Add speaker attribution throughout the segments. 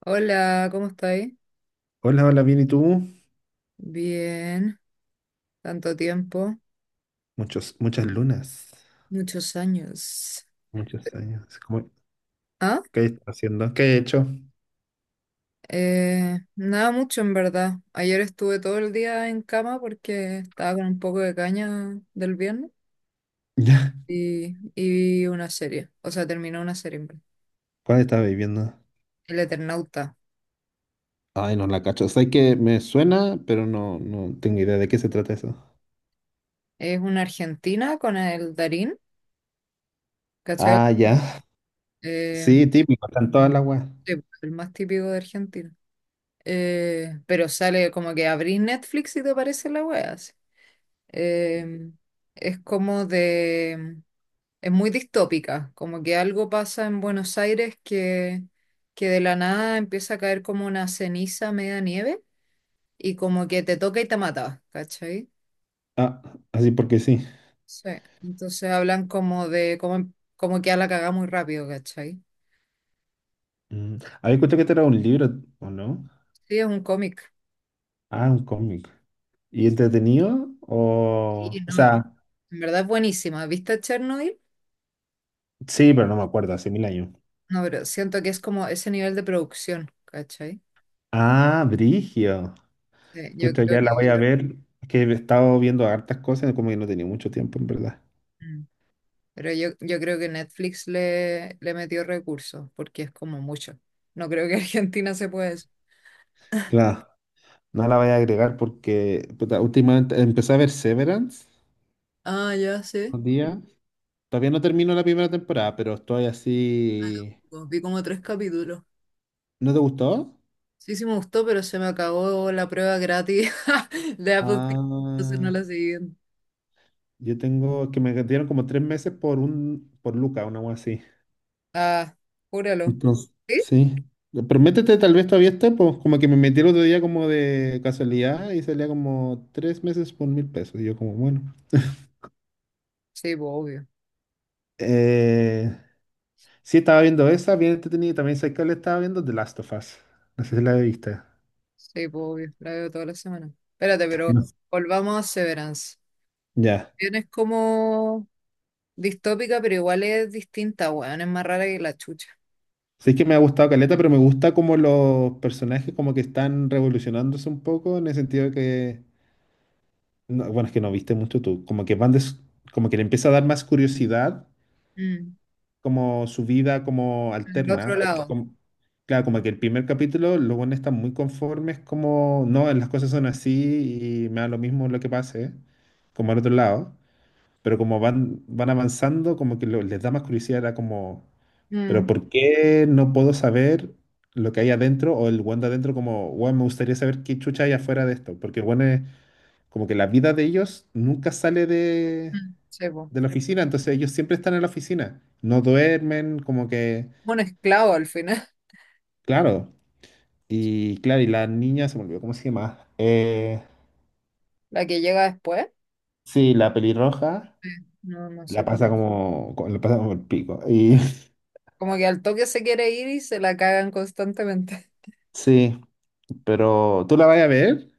Speaker 1: Hola, ¿cómo estáis?
Speaker 2: Hola, hola, bien, ¿y tú?
Speaker 1: Bien, tanto tiempo,
Speaker 2: Muchos, muchas lunas,
Speaker 1: muchos años.
Speaker 2: muchos años. ¿Cómo-
Speaker 1: Ah,
Speaker 2: qué estás haciendo? ¿Qué he hecho?
Speaker 1: nada mucho en verdad. Ayer estuve todo el día en cama porque estaba con un poco de caña del viernes
Speaker 2: Ya.
Speaker 1: y vi una serie, o sea, terminó una serie en verdad.
Speaker 2: ¿Cuál estás viviendo?
Speaker 1: El Eternauta.
Speaker 2: Ay, no la cacho. Sé que me suena, pero no, no tengo idea de qué se trata eso.
Speaker 1: Es una argentina con el Darín, ¿cachai?
Speaker 2: Ah, ya.
Speaker 1: Eh,
Speaker 2: Sí, típico, están todas las weas.
Speaker 1: sí, el más típico de Argentina. Pero sale como que abrís Netflix y te aparece la wea así. eh, es como de, es muy distópica, como que algo pasa en Buenos Aires que de la nada empieza a caer como una ceniza media nieve y como que te toca y te mata, ¿cachai?
Speaker 2: Ah, así porque sí.
Speaker 1: Sí. Entonces hablan como que a la cagada muy rápido, ¿cachai?
Speaker 2: Mm. Había escuchado que este era un libro, ¿o no?
Speaker 1: Sí, es un cómic.
Speaker 2: Ah, un cómic. ¿Y entretenido?
Speaker 1: Sí,
Speaker 2: O o
Speaker 1: no,
Speaker 2: sea,
Speaker 1: en verdad es buenísima. ¿Viste Chernobyl?
Speaker 2: sí, pero no me acuerdo, hace mil años.
Speaker 1: No, pero siento que es como ese nivel de producción, ¿cachai?
Speaker 2: Ah, Brigio.
Speaker 1: Sí, yo
Speaker 2: Pucha,
Speaker 1: creo
Speaker 2: ya la voy a
Speaker 1: que...
Speaker 2: ver. Es que he estado viendo hartas cosas, como que no tenía mucho tiempo, en verdad.
Speaker 1: Mm. Pero yo creo que Netflix le metió recursos, porque es como mucho. No creo que Argentina se pueda eso.
Speaker 2: Claro, no la voy a agregar porque puta, últimamente empecé a ver Severance
Speaker 1: Ah, ya sé.
Speaker 2: un día. Todavía no termino la primera temporada, pero estoy así.
Speaker 1: Pues vi como 3 capítulos.
Speaker 2: ¿No te gustó?
Speaker 1: Sí, sí me gustó, pero se me acabó la prueba gratis de Apple TV, entonces no
Speaker 2: Ah,
Speaker 1: la seguí viendo.
Speaker 2: yo tengo que me dieron como tres meses por un por Luca, una cosa así.
Speaker 1: Ah, júralo.
Speaker 2: Entonces,
Speaker 1: ¿Sí?
Speaker 2: sí. Pero métete, tal vez todavía esté, pues como que me metí el otro día como de casualidad y salía como tres meses por mil pesos. Y yo como, bueno.
Speaker 1: Sí, pues obvio.
Speaker 2: Eh, sí, estaba viendo esa, bien entretenida. Y también sé que le estaba viendo The Last of Us. No sé si la viste.
Speaker 1: Sí, pues obvio. La veo toda la semana. Espérate, pero
Speaker 2: No.
Speaker 1: volvamos a Severance.
Speaker 2: Ya.
Speaker 1: Bien, es como distópica, pero igual es distinta, weón. Es más rara que la chucha.
Speaker 2: Sí que me ha gustado Caleta, pero me gusta como los personajes como que están revolucionándose un poco en el sentido de que, no, bueno, es que no viste mucho tú, como que van des- como que le empieza a dar más curiosidad
Speaker 1: Mm.
Speaker 2: como su vida como
Speaker 1: En el otro
Speaker 2: alterna, porque
Speaker 1: lado.
Speaker 2: como- claro, como que el primer capítulo los buenos están muy conformes como, no, las cosas son así y me da lo mismo lo que pase, como al otro lado. Pero como van, van avanzando, como que lo- les da más curiosidad, era como, pero
Speaker 1: Mm.
Speaker 2: ¿por qué no puedo saber lo que hay adentro o el weón de adentro como, weón, me gustaría saber qué chucha hay afuera de esto? Porque el es como que la vida de ellos nunca sale
Speaker 1: Mm, sí, po.
Speaker 2: de la oficina, entonces ellos siempre están en la oficina, no duermen, como que,
Speaker 1: Un esclavo al final.
Speaker 2: claro, y claro, y la niña se me olvidó, ¿cómo se llama?
Speaker 1: La que llega después.
Speaker 2: Sí, la pelirroja.
Speaker 1: No, no
Speaker 2: La
Speaker 1: sé.
Speaker 2: pasa como, como- la pasa como el pico. Y
Speaker 1: Como que al toque se quiere ir y se la cagan constantemente.
Speaker 2: sí, pero ¿tú la vas a ver?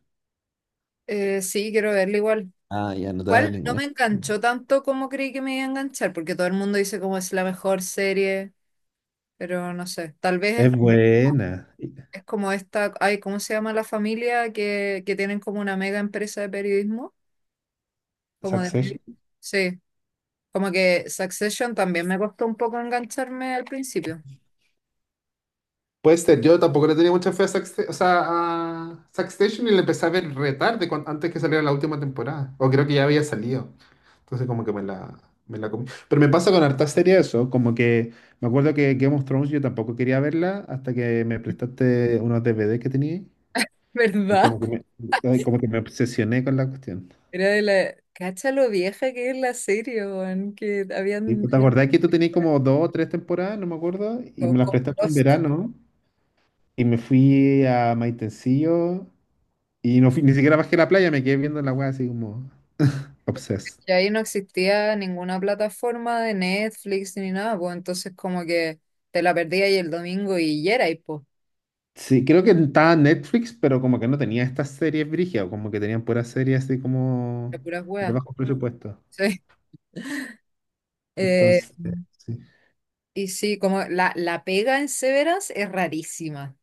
Speaker 1: Sí, quiero verla igual.
Speaker 2: Ah, ya no te da
Speaker 1: Igual no
Speaker 2: ninguna.
Speaker 1: me enganchó tanto como creí que me iba a enganchar, porque todo el mundo dice como es la mejor serie, pero no sé.
Speaker 2: Es buena. Y-
Speaker 1: Es como esta, ay, ¿cómo se llama la familia que tienen como una mega empresa de periodismo? Como de medio.
Speaker 2: Succession.
Speaker 1: Sí, como que Succession también me costó un poco engancharme al principio.
Speaker 2: Puede ser, yo tampoco le tenía mucha fe a, Succe- o sea, a Succession y la empecé a ver re tarde, cuan- antes que saliera la última temporada. O creo que ya había salido. Entonces como que me la comí. Pero me pasa con harta serie eso, como que me acuerdo que Game of Thrones yo tampoco quería verla hasta que me prestaste unos DVD que tenía y
Speaker 1: ¿Verdad?
Speaker 2: como que me, ay, como que me obsesioné con la cuestión.
Speaker 1: Era de la... Cacha lo vieja que es la serie, weón, que
Speaker 2: Sí,
Speaker 1: habían...
Speaker 2: pues, ¿te acordás que tú tenías como dos o tres temporadas, no me acuerdo, y
Speaker 1: o
Speaker 2: me las
Speaker 1: con
Speaker 2: prestaste un
Speaker 1: Lost.
Speaker 2: verano y me fui a Maitencillo y no fui, ni siquiera bajé a la playa, me quedé viendo la weá así como obsessed.
Speaker 1: Y ahí no existía ninguna plataforma de Netflix ni nada, pues entonces como que te la perdías y el domingo y ya era, y pues,
Speaker 2: Sí, creo que estaba en Netflix, pero como que no tenía estas series brígidas, como que tenían puras series así
Speaker 1: de
Speaker 2: como
Speaker 1: puras
Speaker 2: de
Speaker 1: weas.
Speaker 2: bajo presupuesto.
Speaker 1: Sí. Eh,
Speaker 2: Entonces, sí.
Speaker 1: y sí, como la pega en Severance es rarísima.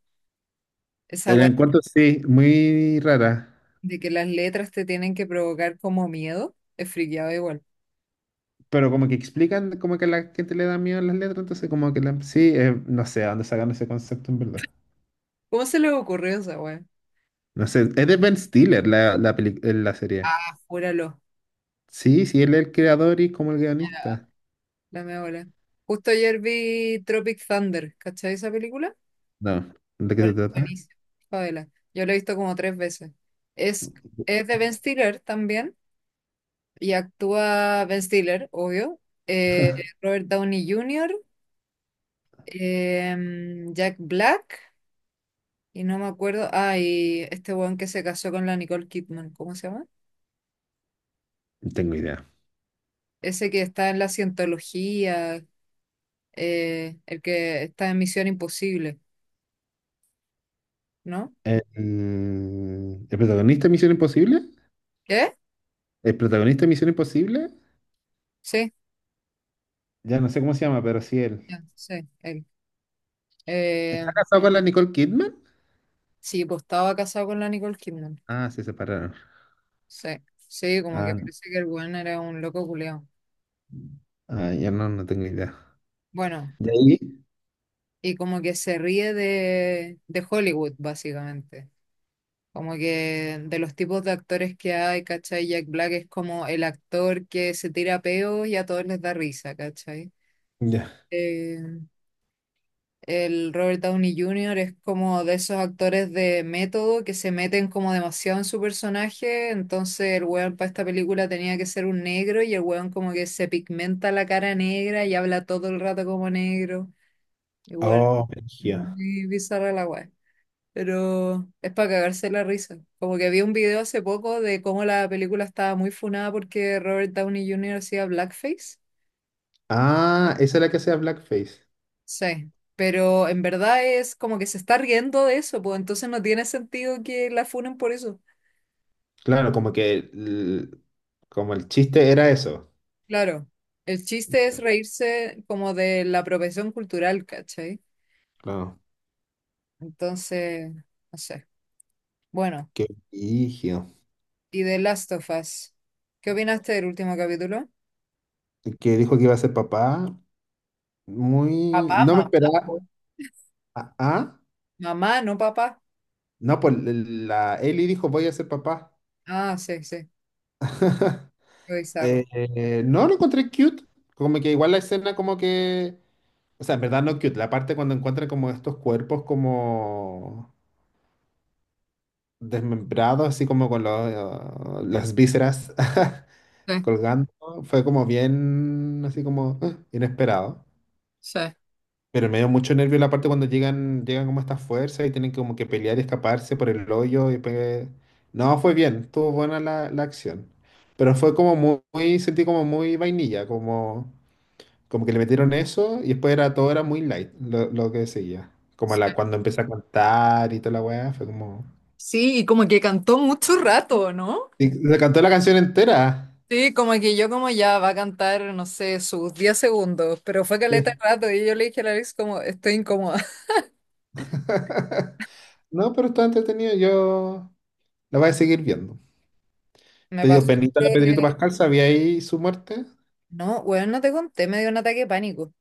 Speaker 1: Esa
Speaker 2: El
Speaker 1: wea
Speaker 2: encuentro sí, muy rara.
Speaker 1: de que las letras te tienen que provocar como miedo, es friqueado igual.
Speaker 2: Pero como que explican como que a la gente le da miedo las letras, entonces como que la- sí, no sé a dónde sacan ese concepto en verdad.
Speaker 1: ¿Cómo se le ocurrió esa wea?
Speaker 2: No sé, es de Ben Stiller la, la, peli- la serie.
Speaker 1: Júralo.
Speaker 2: Sí, sí, él es el creador y como el guionista.
Speaker 1: La mea bola. Justo ayer vi Tropic Thunder, ¿cachai esa película?
Speaker 2: No, ¿de qué se
Speaker 1: Bueno,
Speaker 2: trata?
Speaker 1: buenísima. Favela. Yo la he visto como 3 veces. Es, es de Ben Stiller también, y actúa Ben Stiller, obvio, eh, Robert Downey Jr., Jack Black, y no me acuerdo, ah, y este weón que se casó con la Nicole Kidman, ¿cómo se llama?
Speaker 2: No tengo idea.
Speaker 1: Ese que está en la cientología, el que está en Misión Imposible, ¿no?
Speaker 2: El protagonista de Misión Imposible?
Speaker 1: ¿Qué?
Speaker 2: ¿El protagonista de Misión Imposible?
Speaker 1: Sí,
Speaker 2: Ya no sé cómo se llama, pero sí él.
Speaker 1: ya, sí, él. Eh,
Speaker 2: ¿Está casado con la Nicole Kidman?
Speaker 1: sí, pues estaba casado con la Nicole Kidman.
Speaker 2: Ah, se separaron.
Speaker 1: Sí, sí, como que
Speaker 2: Ah, no.
Speaker 1: parece que el weón era un loco culeado.
Speaker 2: Ah, ya no, no tengo idea.
Speaker 1: Bueno,
Speaker 2: ¿De ahí?
Speaker 1: y como que se ríe de Hollywood, básicamente. Como que de los tipos de actores que hay, ¿cachai? Jack Black es como el actor que se tira peos y a todos les da risa, ¿cachai?
Speaker 2: Ya.
Speaker 1: Eh, El Robert Downey Jr. es como de esos actores de método que se meten como demasiado en su personaje. Entonces el weón para esta película tenía que ser un negro y el weón como que se pigmenta la cara negra y habla todo el rato como negro. Igual,
Speaker 2: Oh, brígido.
Speaker 1: muy bizarra la weá. Pero es para cagarse la risa. Como que vi un video hace poco de cómo la película estaba muy funada porque Robert Downey Jr. hacía blackface.
Speaker 2: Ah, esa es la que hacía Blackface.
Speaker 1: Sí, pero en verdad es como que se está riendo de eso, pues entonces no tiene sentido que la funen por eso.
Speaker 2: Claro, como que el, como el chiste era eso.
Speaker 1: Claro, el chiste es reírse como de la apropiación cultural, ¿cachai?
Speaker 2: Claro.
Speaker 1: Entonces, no sé. Bueno,
Speaker 2: Qué brígido.
Speaker 1: y de Last of Us, ¿qué opinaste del último capítulo?
Speaker 2: Que dijo que iba a ser papá. Muy.
Speaker 1: Papá,
Speaker 2: No me
Speaker 1: mamá,
Speaker 2: esperaba.
Speaker 1: po.
Speaker 2: Ah, ah.
Speaker 1: Mamá, no papá.
Speaker 2: No, pues la Eli dijo, voy a ser papá.
Speaker 1: Ah, sí, sí, qué bizarro.
Speaker 2: No, lo encontré cute. Como que igual la escena como que O sea, en verdad no cute. La parte cuando encuentran como estos cuerpos como desmembrados, así como con los, las vísceras
Speaker 1: Sí,
Speaker 2: colgando, fue como bien, así como ah, inesperado.
Speaker 1: sí.
Speaker 2: Pero me dio mucho nervio la parte cuando llegan, llegan como estas fuerzas y tienen como que pelear y escaparse por el hoyo y pe- no, fue bien, estuvo buena la, la acción. Pero fue como muy, muy- sentí como muy vainilla, como, como que le metieron eso y después era todo era muy light lo que seguía. Como la, cuando empecé a cantar y toda la weá, fue como
Speaker 1: Sí, y como que cantó mucho rato, ¿no?
Speaker 2: Y se cantó la canción entera.
Speaker 1: Sí, como que yo como ya va a cantar, no sé, sus 10 segundos, pero fue caleta de
Speaker 2: Sí.
Speaker 1: rato y yo le dije a la Alex como, estoy incómoda.
Speaker 2: No, pero está entretenido, yo la voy a seguir viendo.
Speaker 1: Me
Speaker 2: ¿Te dio
Speaker 1: pasó
Speaker 2: penita a
Speaker 1: que,
Speaker 2: Pedrito Pascal? ¿Sabía ahí su muerte?
Speaker 1: no, weón, no te conté, me dio un ataque de pánico.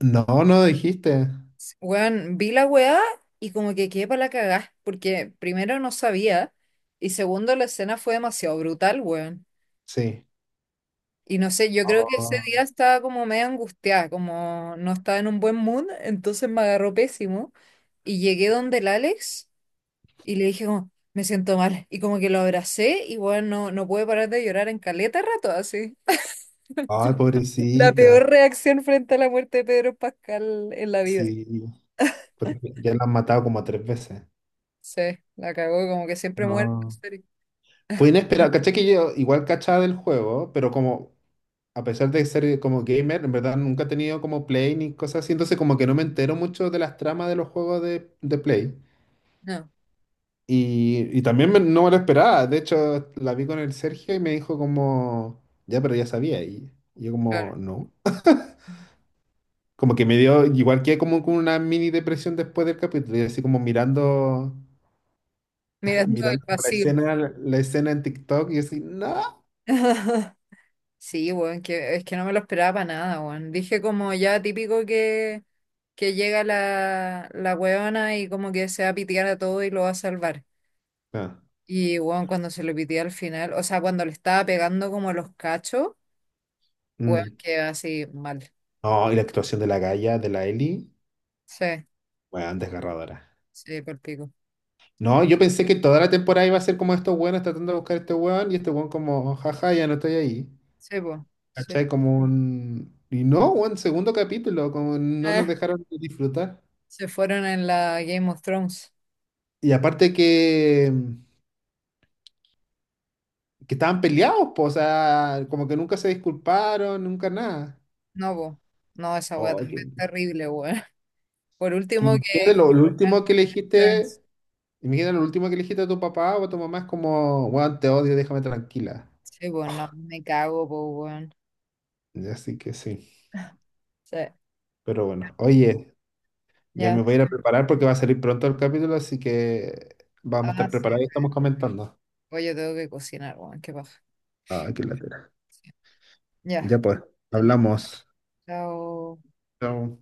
Speaker 2: No, no dijiste.
Speaker 1: Weón, vi la weá y como que quedé para la cagá, porque primero no sabía y segundo la escena fue demasiado brutal, weón.
Speaker 2: Sí.
Speaker 1: Y no sé, yo creo que ese
Speaker 2: Oh,
Speaker 1: día estaba como medio angustiada, como no estaba en un buen mood, entonces me agarró pésimo y llegué donde el Alex. Y le dije como, me siento mal. Y como que lo abracé y bueno, no, no pude parar de llorar en caleta rato así.
Speaker 2: ay,
Speaker 1: La
Speaker 2: pobrecita.
Speaker 1: peor reacción frente a la muerte de Pedro Pascal en la vida.
Speaker 2: Sí. Porque ya la han matado como tres veces.
Speaker 1: Sí, la cagó, como que siempre muere en la
Speaker 2: No.
Speaker 1: serie.
Speaker 2: Fue inesperado. Caché que yo igual cachaba del juego, pero como, a pesar de ser como gamer, en verdad nunca he tenido como Play ni cosas así, entonces como que no me entero mucho de las tramas de los juegos de Play.
Speaker 1: No,
Speaker 2: Y también me- no me lo esperaba. De hecho, la vi con el Sergio y me dijo como, ya, pero ya sabía. Y yo como,
Speaker 1: claro.
Speaker 2: no. Como que me dio, igual que como con una mini depresión después del capítulo, y así como mirando,
Speaker 1: Mirando el
Speaker 2: mirando como
Speaker 1: vacío.
Speaker 2: la escena en TikTok, y así, no.
Speaker 1: Sí, weón, es que no me lo esperaba para nada, weón. Dije como ya típico que llega la weona y como que se va a pitear a todo y lo va a salvar.
Speaker 2: Ah,
Speaker 1: Y bueno, cuando se lo pitió al final, o sea, cuando le estaba pegando como los cachos, bueno,
Speaker 2: mm.
Speaker 1: quedó así mal.
Speaker 2: No, y la actuación de la Gaia, de la Ellie,
Speaker 1: Sí,
Speaker 2: weón, desgarradora.
Speaker 1: sí, por pico. Sí,
Speaker 2: No, yo pensé que toda la temporada iba a ser como estos weones tratando de buscar a este weón, y este weón como, jaja, ya no estoy ahí.
Speaker 1: sí, po, sí.
Speaker 2: ¿Cachai? Como un Y no, weón, segundo capítulo, como no nos
Speaker 1: Eh,
Speaker 2: dejaron disfrutar.
Speaker 1: se fueron en la Game of Thrones.
Speaker 2: Y aparte que estaban peleados, po, o sea, como que nunca se disculparon, nunca nada.
Speaker 1: No, po. No, esa weá
Speaker 2: Oh,
Speaker 1: también
Speaker 2: qué-
Speaker 1: es terrible, weón. Por
Speaker 2: como
Speaker 1: último,
Speaker 2: imagínate
Speaker 1: que.
Speaker 2: lo último que le
Speaker 1: Thrones.
Speaker 2: dijiste, imagínate lo último que le dijiste a tu papá o a tu mamá es como, bueno, te odio, déjame tranquila.
Speaker 1: Sí, pues no, me cago, pues, weón.
Speaker 2: Así que sí,
Speaker 1: Sí,
Speaker 2: pero bueno, oye, ya
Speaker 1: ya,
Speaker 2: me voy a ir a
Speaker 1: sí.
Speaker 2: preparar porque va a salir pronto el capítulo, así que vamos a
Speaker 1: Ah,
Speaker 2: estar
Speaker 1: sí.
Speaker 2: preparados y estamos comentando.
Speaker 1: Oye, tengo que cocinar, weón, qué paja.
Speaker 2: Ah, qué latera.
Speaker 1: Sí. Ya,
Speaker 2: Ya pues,
Speaker 1: dale.
Speaker 2: hablamos.
Speaker 1: Chao.
Speaker 2: Chao.